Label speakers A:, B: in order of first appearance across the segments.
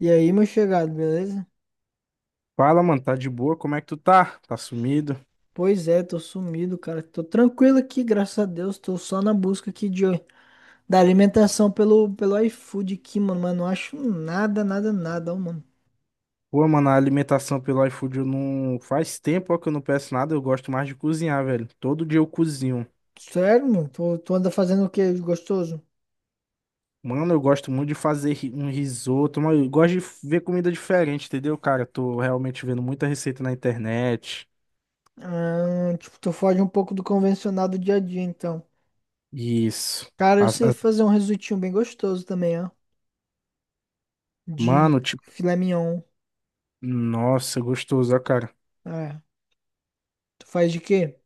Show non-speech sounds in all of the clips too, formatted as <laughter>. A: E aí, meu chegado, beleza?
B: Fala, mano, tá de boa? Como é que tu tá? Tá sumido?
A: Pois é, tô sumido, cara. Tô tranquilo aqui, graças a Deus. Tô só na busca aqui de, da alimentação pelo iFood aqui, mano. Mas não acho nada, nada, nada, ó, mano.
B: Pô, mano, a alimentação pelo iFood eu não. Faz tempo ó, que eu não peço nada, eu gosto mais de cozinhar, velho. Todo dia eu cozinho.
A: Sério, mano? Tu anda fazendo o que de gostoso?
B: Mano, eu gosto muito de fazer um risoto, mano, eu gosto de ver comida diferente, entendeu, cara? Eu tô realmente vendo muita receita na internet.
A: Ah, tipo, tu foge um pouco do convencional do dia a dia, então.
B: Isso.
A: Cara, eu
B: As-
A: sei
B: as-
A: fazer um risotinho bem gostoso também, ó. De
B: Mano, tipo.
A: filé mignon.
B: Nossa, gostoso, ó, cara.
A: É. Tu faz de quê?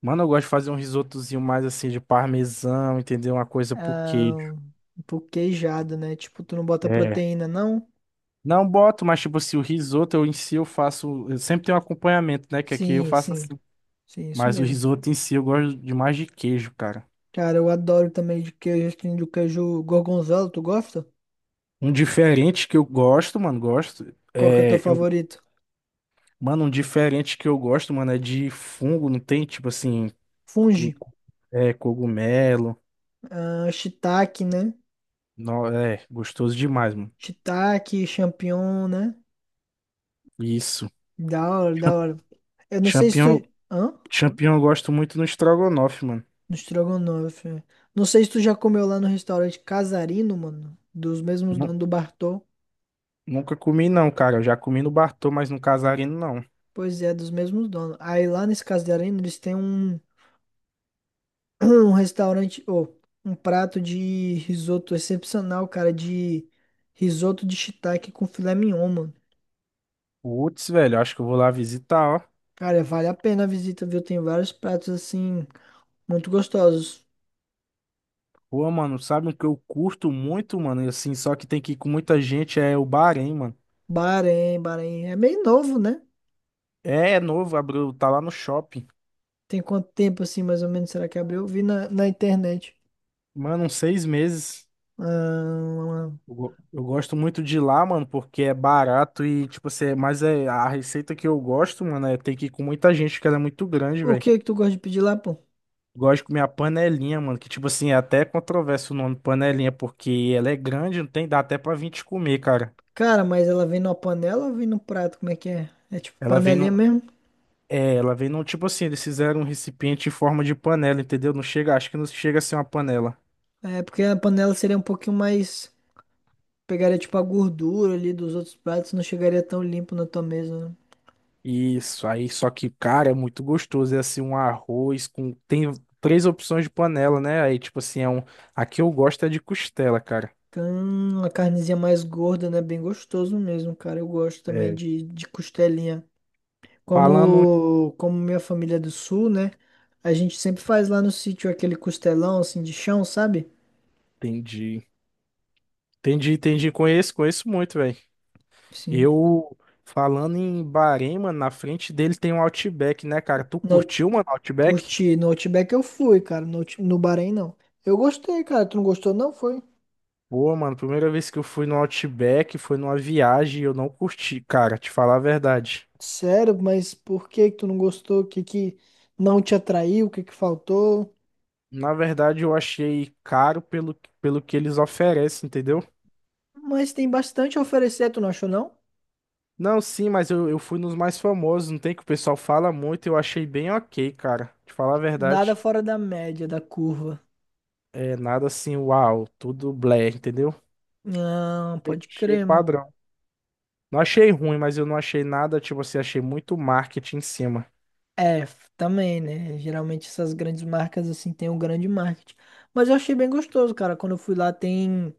B: Mano, eu gosto de fazer um risotozinho mais assim de parmesão, entendeu? Uma coisa por
A: Ah,
B: queijo.
A: um pouco queijado, né? Tipo, tu não bota
B: É.
A: proteína, não?
B: Não boto, mas tipo, se o risoto eu em si eu faço. Eu sempre tenho um acompanhamento, né? Que aqui eu
A: Sim,
B: faço
A: sim.
B: assim.
A: Sim, isso
B: Mas o
A: mesmo.
B: risoto em si eu gosto demais de queijo, cara.
A: Cara, eu adoro também de queijo, tem do queijo gorgonzola, tu gosta?
B: Um diferente que eu gosto, mano, gosto.
A: Qual que é o teu
B: É. Eu,
A: favorito?
B: mano, um diferente que eu gosto, mano, é de fungo, não tem? Tipo assim. co-
A: Fungi.
B: É, cogumelo.
A: Ah, shiitake, né?
B: Não, é, gostoso demais, mano.
A: Shiitake, champignon, né?
B: Isso.
A: Da hora, da
B: Cham-
A: hora. Eu não sei se
B: Champignon,
A: tu... Hã?
B: champignon eu gosto muito no estrogonofe, mano.
A: No estrogonofe. É. Não sei se tu já comeu lá no restaurante Casarino, mano. Dos mesmos
B: Nu-
A: donos do Bartô.
B: Nunca comi, não, cara. Eu já comi no Bartô, mas no Casarino, não.
A: Pois é, dos mesmos donos. Aí lá nesse Casarino, eles têm um... <clears throat> um restaurante, ou um prato de risoto excepcional, cara, de risoto de shiitake com filé mignon, mano.
B: Putz, velho, acho que eu vou lá visitar, ó.
A: Cara, vale a pena a visita, viu? Tem vários pratos assim muito gostosos.
B: Pô, mano, sabe o que eu curto muito, mano? E assim, só que tem que ir com muita gente, é o Bahrein, mano.
A: Bahrein, Bahrein é meio novo, né?
B: É novo, abriu, tá lá no shopping.
A: Tem quanto tempo assim, mais ou menos, será que abriu? Eu vi na internet.
B: Mano, uns 6 meses.
A: Ah,
B: Eu gosto muito de ir lá, mano, porque é barato e, tipo assim, mas é, a receita que eu gosto, mano, é ter que ir com muita gente, porque ela é muito grande,
A: o
B: velho.
A: que que tu gosta de pedir lá, pô?
B: Gosto de comer a panelinha, mano, que, tipo assim, é até controverso o nome panelinha, porque ela é grande, não tem, dá até pra 20 comer, cara.
A: Cara, mas ela vem numa panela ou vem no prato? Como é que é? É tipo
B: Ela vem,
A: panelinha
B: no,
A: mesmo?
B: É, ela vem num tipo assim, eles fizeram um recipiente em forma de panela, entendeu? Não chega, acho que não chega a ser uma panela.
A: É, porque a panela seria um pouquinho mais. Pegaria tipo a gordura ali dos outros pratos, não chegaria tão limpo na tua mesa, né?
B: Isso, aí só que, cara, é muito gostoso. É assim, um arroz com. Tem três opções de panela, né? Aí, tipo assim, é um. A que eu gosto é de costela, cara.
A: Uma carnezinha mais gorda, né? Bem gostoso mesmo, cara. Eu gosto também
B: É.
A: de costelinha.
B: Falando.
A: Como minha família é do sul, né? A gente sempre faz lá no sítio aquele costelão assim de chão, sabe?
B: Entendi. Entendi, entendi. Conheço, conheço muito, velho.
A: Sim.
B: Eu. Falando em Bahrein, mano, na frente dele tem um Outback, né, cara? Tu
A: No, out-
B: curtiu, mano, Outback?
A: Curti. No Outback eu fui, cara. No Bahrein não. Eu gostei, cara. Tu não gostou, não? Foi?
B: Pô, mano, primeira vez que eu fui no Outback foi numa viagem e eu não curti, cara, te falar a verdade.
A: Sério, mas por que que tu não gostou? O que não te atraiu? O que que faltou?
B: Na verdade, eu achei caro pelo que eles oferecem, entendeu?
A: Mas tem bastante a oferecer, tu não achou, não?
B: Não, sim, mas eu, fui nos mais famosos, não tem que o pessoal fala muito, eu achei bem ok, cara. Te falar a
A: Nada
B: verdade,
A: fora da média, da curva.
B: é nada assim, uau, tudo blé, entendeu?
A: Não, pode
B: Achei
A: crer, mano.
B: padrão. Não achei ruim, mas eu não achei nada, tipo assim, achei muito marketing em cima.
A: É, também, né? Geralmente essas grandes marcas, assim, têm um grande marketing. Mas eu achei bem gostoso, cara. Quando eu fui lá, tem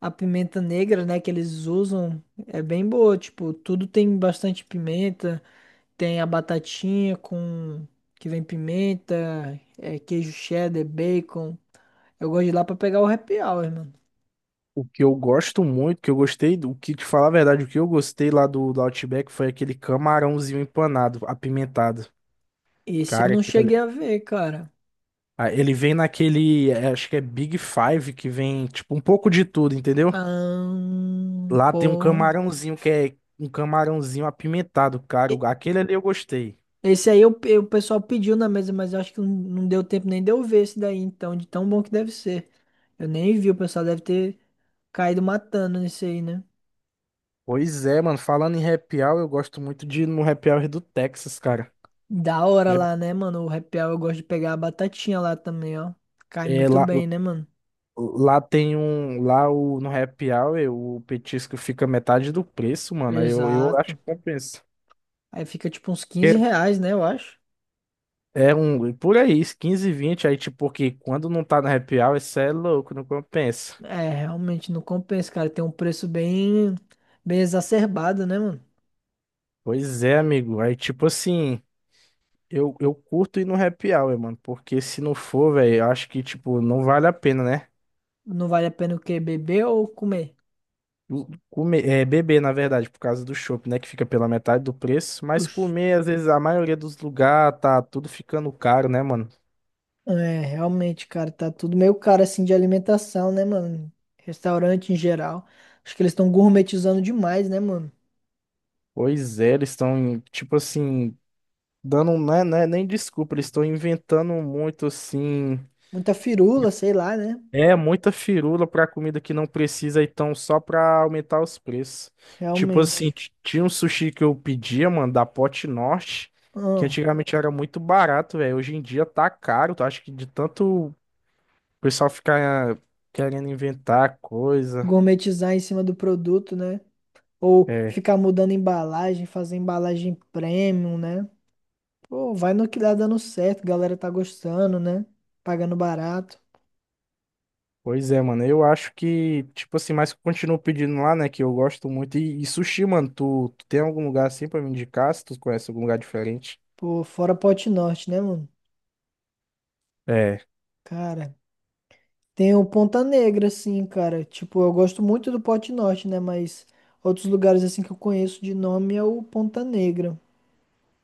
A: a pimenta negra, né? Que eles usam. É bem boa, tipo, tudo tem bastante pimenta. Tem a batatinha com... Que vem pimenta, é, queijo cheddar, bacon. Eu gosto de ir lá pra pegar o happy hour, mano.
B: O que eu gosto muito, que eu gostei, do o que te falar a verdade, o que eu gostei lá do, Outback foi aquele camarãozinho empanado, apimentado.
A: Esse eu
B: Cara,
A: não
B: aquilo ali-
A: cheguei a ver, cara.
B: Ah, ele vem naquele, é, acho que é Big Five, que vem, tipo, um pouco de tudo, entendeu?
A: Ah,
B: Lá tem um
A: porra.
B: camarãozinho que é um camarãozinho apimentado, cara.
A: E-
B: Aquele ali eu gostei.
A: Esse aí o pessoal pediu na mesa, mas eu acho que não deu tempo nem de eu ver esse daí, então, de tão bom que deve ser. Eu nem vi, o pessoal deve ter caído matando nesse aí, né?
B: Pois é, mano, falando em happy hour, eu gosto muito de ir no happy hour do Texas, cara.
A: Da hora
B: Já,
A: lá, né, mano? O repel eu gosto de pegar a batatinha lá também, ó. Cai
B: é
A: muito
B: lá,
A: bem, né, mano?
B: Lá Tem um. No Happy Hour, o petisco fica metade do preço, mano. Aí eu acho
A: Exato.
B: que compensa.
A: Aí fica tipo uns 15
B: Porque
A: reais, né, eu acho.
B: é um. Por aí, 15, 20 Aí, tipo, porque quando não tá no Happy Hour, isso é louco, não compensa.
A: É, realmente não compensa, cara. Tem um preço bem, bem exacerbado, né, mano?
B: Pois é, amigo. Aí, tipo assim. eu curto ir no Happy Hour, mano. Porque se não for, velho, eu acho que, tipo, não vale a pena, né?
A: Não vale a pena o quê? Beber ou comer?
B: Comer, é, beber, na verdade, por causa do chopp, né? Que fica pela metade do preço. Mas
A: Oxe.
B: comer, às vezes, a maioria dos lugares tá tudo ficando caro, né, mano?
A: É, realmente, cara, tá tudo meio caro assim de alimentação, né, mano? Restaurante em geral. Acho que eles estão gourmetizando demais, né, mano?
B: Pois é, eles estão, tipo assim, dando, né, nem desculpa, eles estão inventando muito, assim,
A: Muita firula, sei lá, né?
B: é, muita firula pra comida que não precisa, então, só pra aumentar os preços. Tipo assim,
A: Realmente.
B: tinha um sushi que eu pedia, mano, da Pote Norte, que
A: Ah,
B: antigamente era muito barato, velho, hoje em dia tá caro, eu acho que de tanto o pessoal ficar querendo inventar coisa,
A: gourmetizar em cima do produto, né? Ou
B: é,
A: ficar mudando embalagem, fazer embalagem premium, né? Pô, vai no que dá dando certo, a galera tá gostando, né? Pagando barato.
B: Pois é, mano. Eu acho que, tipo assim, mas continuo pedindo lá, né? Que eu gosto muito. E sushi, mano, tu tem algum lugar assim pra me indicar? Se tu conhece algum lugar diferente?
A: Pô, fora Pote Norte, né, mano?
B: É.
A: Cara. Tem o Ponta Negra, assim, cara. Tipo, eu gosto muito do Pote Norte, né? Mas outros lugares, assim, que eu conheço de nome é o Ponta Negra.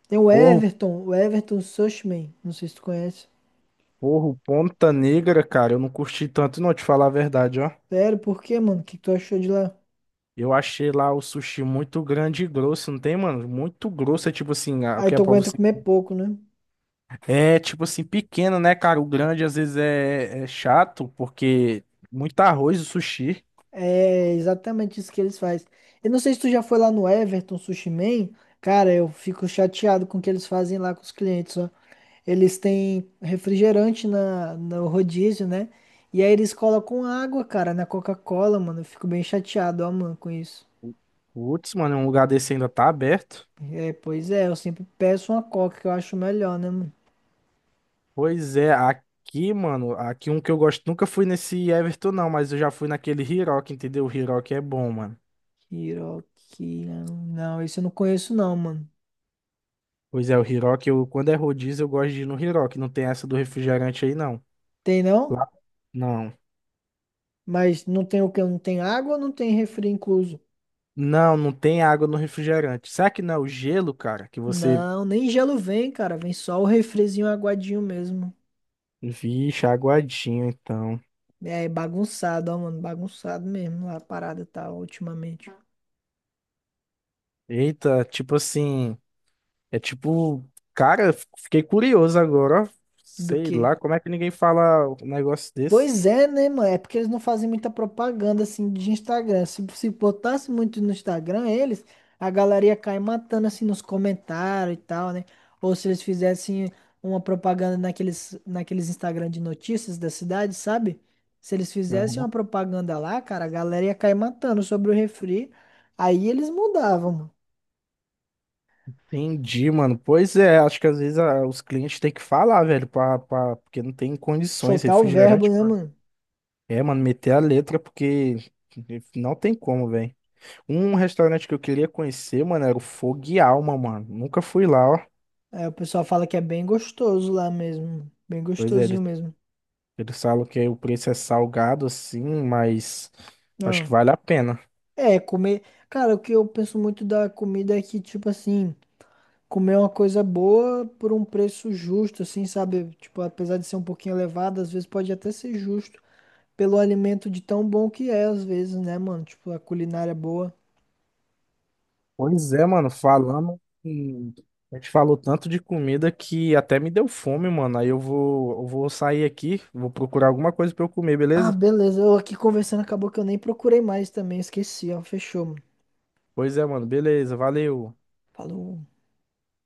A: Tem
B: Porro,
A: O Everton Sushman. Não sei se tu conhece.
B: porro, Ponta Negra, cara. Eu não curti tanto, não, te falar a verdade, ó.
A: Sério, por quê, mano? O que que tu achou de lá?
B: Eu achei lá o sushi muito grande e grosso, não tem, mano? Muito grosso, é tipo assim, ah, o
A: Aí
B: que é
A: tu
B: pra
A: aguenta
B: você.
A: comer pouco, né?
B: É tipo assim, pequeno, né, cara? O grande às vezes é chato, porque muito arroz o sushi.
A: É exatamente isso que eles fazem. Eu não sei se tu já foi lá no Everton Sushi Man. Cara, eu fico chateado com o que eles fazem lá com os clientes, ó. Eles têm refrigerante no rodízio, né? E aí eles colocam água, cara, na Coca-Cola, mano. Eu fico bem chateado, ó, mano, com isso.
B: Putz, mano, um lugar desse ainda tá aberto.
A: É, pois é, eu sempre peço uma Coca que eu acho melhor, né, mano?
B: Pois é, aqui, mano, aqui um que eu gosto, nunca fui nesse Everton não, mas eu já fui naquele Hirock, entendeu? O Hirock é bom, mano.
A: Kiroki. Não, esse eu não conheço, não, mano.
B: Pois é, o Hirock, eu, quando é rodízio, eu gosto de ir no Hirock, não tem essa do refrigerante aí não.
A: Tem não?
B: Lá, não.
A: Mas não tem o quê? Não tem água ou não tem refri incluso?
B: Não, não tem água no refrigerante. Será que não é o gelo, cara? Que você,
A: Não, nem gelo vem, cara. Vem só o refrizinho aguadinho mesmo.
B: vixe, aguadinho, então.
A: É bagunçado, ó, mano. Bagunçado mesmo. A parada tá ultimamente.
B: Eita, tipo assim, é tipo, cara, eu fiquei curioso agora, ó.
A: Do
B: Sei
A: quê?
B: lá, como é que ninguém fala um negócio desse?
A: Pois é, né, mano? É porque eles não fazem muita propaganda assim de Instagram. Se botasse muito no Instagram, eles, a galera ia cair matando assim nos comentários e tal, né? Ou se eles fizessem uma propaganda naqueles Instagram de notícias da cidade, sabe? Se eles fizessem uma propaganda lá, cara, a galera ia cair matando sobre o refri. Aí eles mudavam, mano.
B: Entendi, mano. Pois é, acho que às vezes ah, os clientes têm que falar, velho, porque não tem condições,
A: Soltar o verbo,
B: refrigerante.
A: né, mano?
B: É, mano, meter a letra porque não tem como, velho. Um restaurante que eu queria conhecer, mano, era o Fogo e Alma, mano. Nunca fui lá, ó.
A: Aí o pessoal fala que é bem gostoso lá mesmo. Bem
B: Pois é,
A: gostosinho
B: ele-
A: mesmo.
B: eles falam que o preço é salgado, assim, mas acho que
A: Ah.
B: vale a pena.
A: É, comer. Cara, o que eu penso muito da comida é que, tipo assim, comer é uma coisa boa por um preço justo, assim, sabe? Tipo, apesar de ser um pouquinho elevado, às vezes pode até ser justo pelo alimento de tão bom que é, às vezes, né, mano? Tipo, a culinária é boa.
B: Pois é, mano, a gente falou tanto de comida que até me deu fome, mano. Aí eu vou sair aqui, vou procurar alguma coisa pra eu comer,
A: Ah,
B: beleza?
A: beleza. Eu aqui conversando, acabou que eu nem procurei mais também, esqueci, ó. Fechou, mano.
B: Pois é, mano, beleza, valeu.
A: Falou.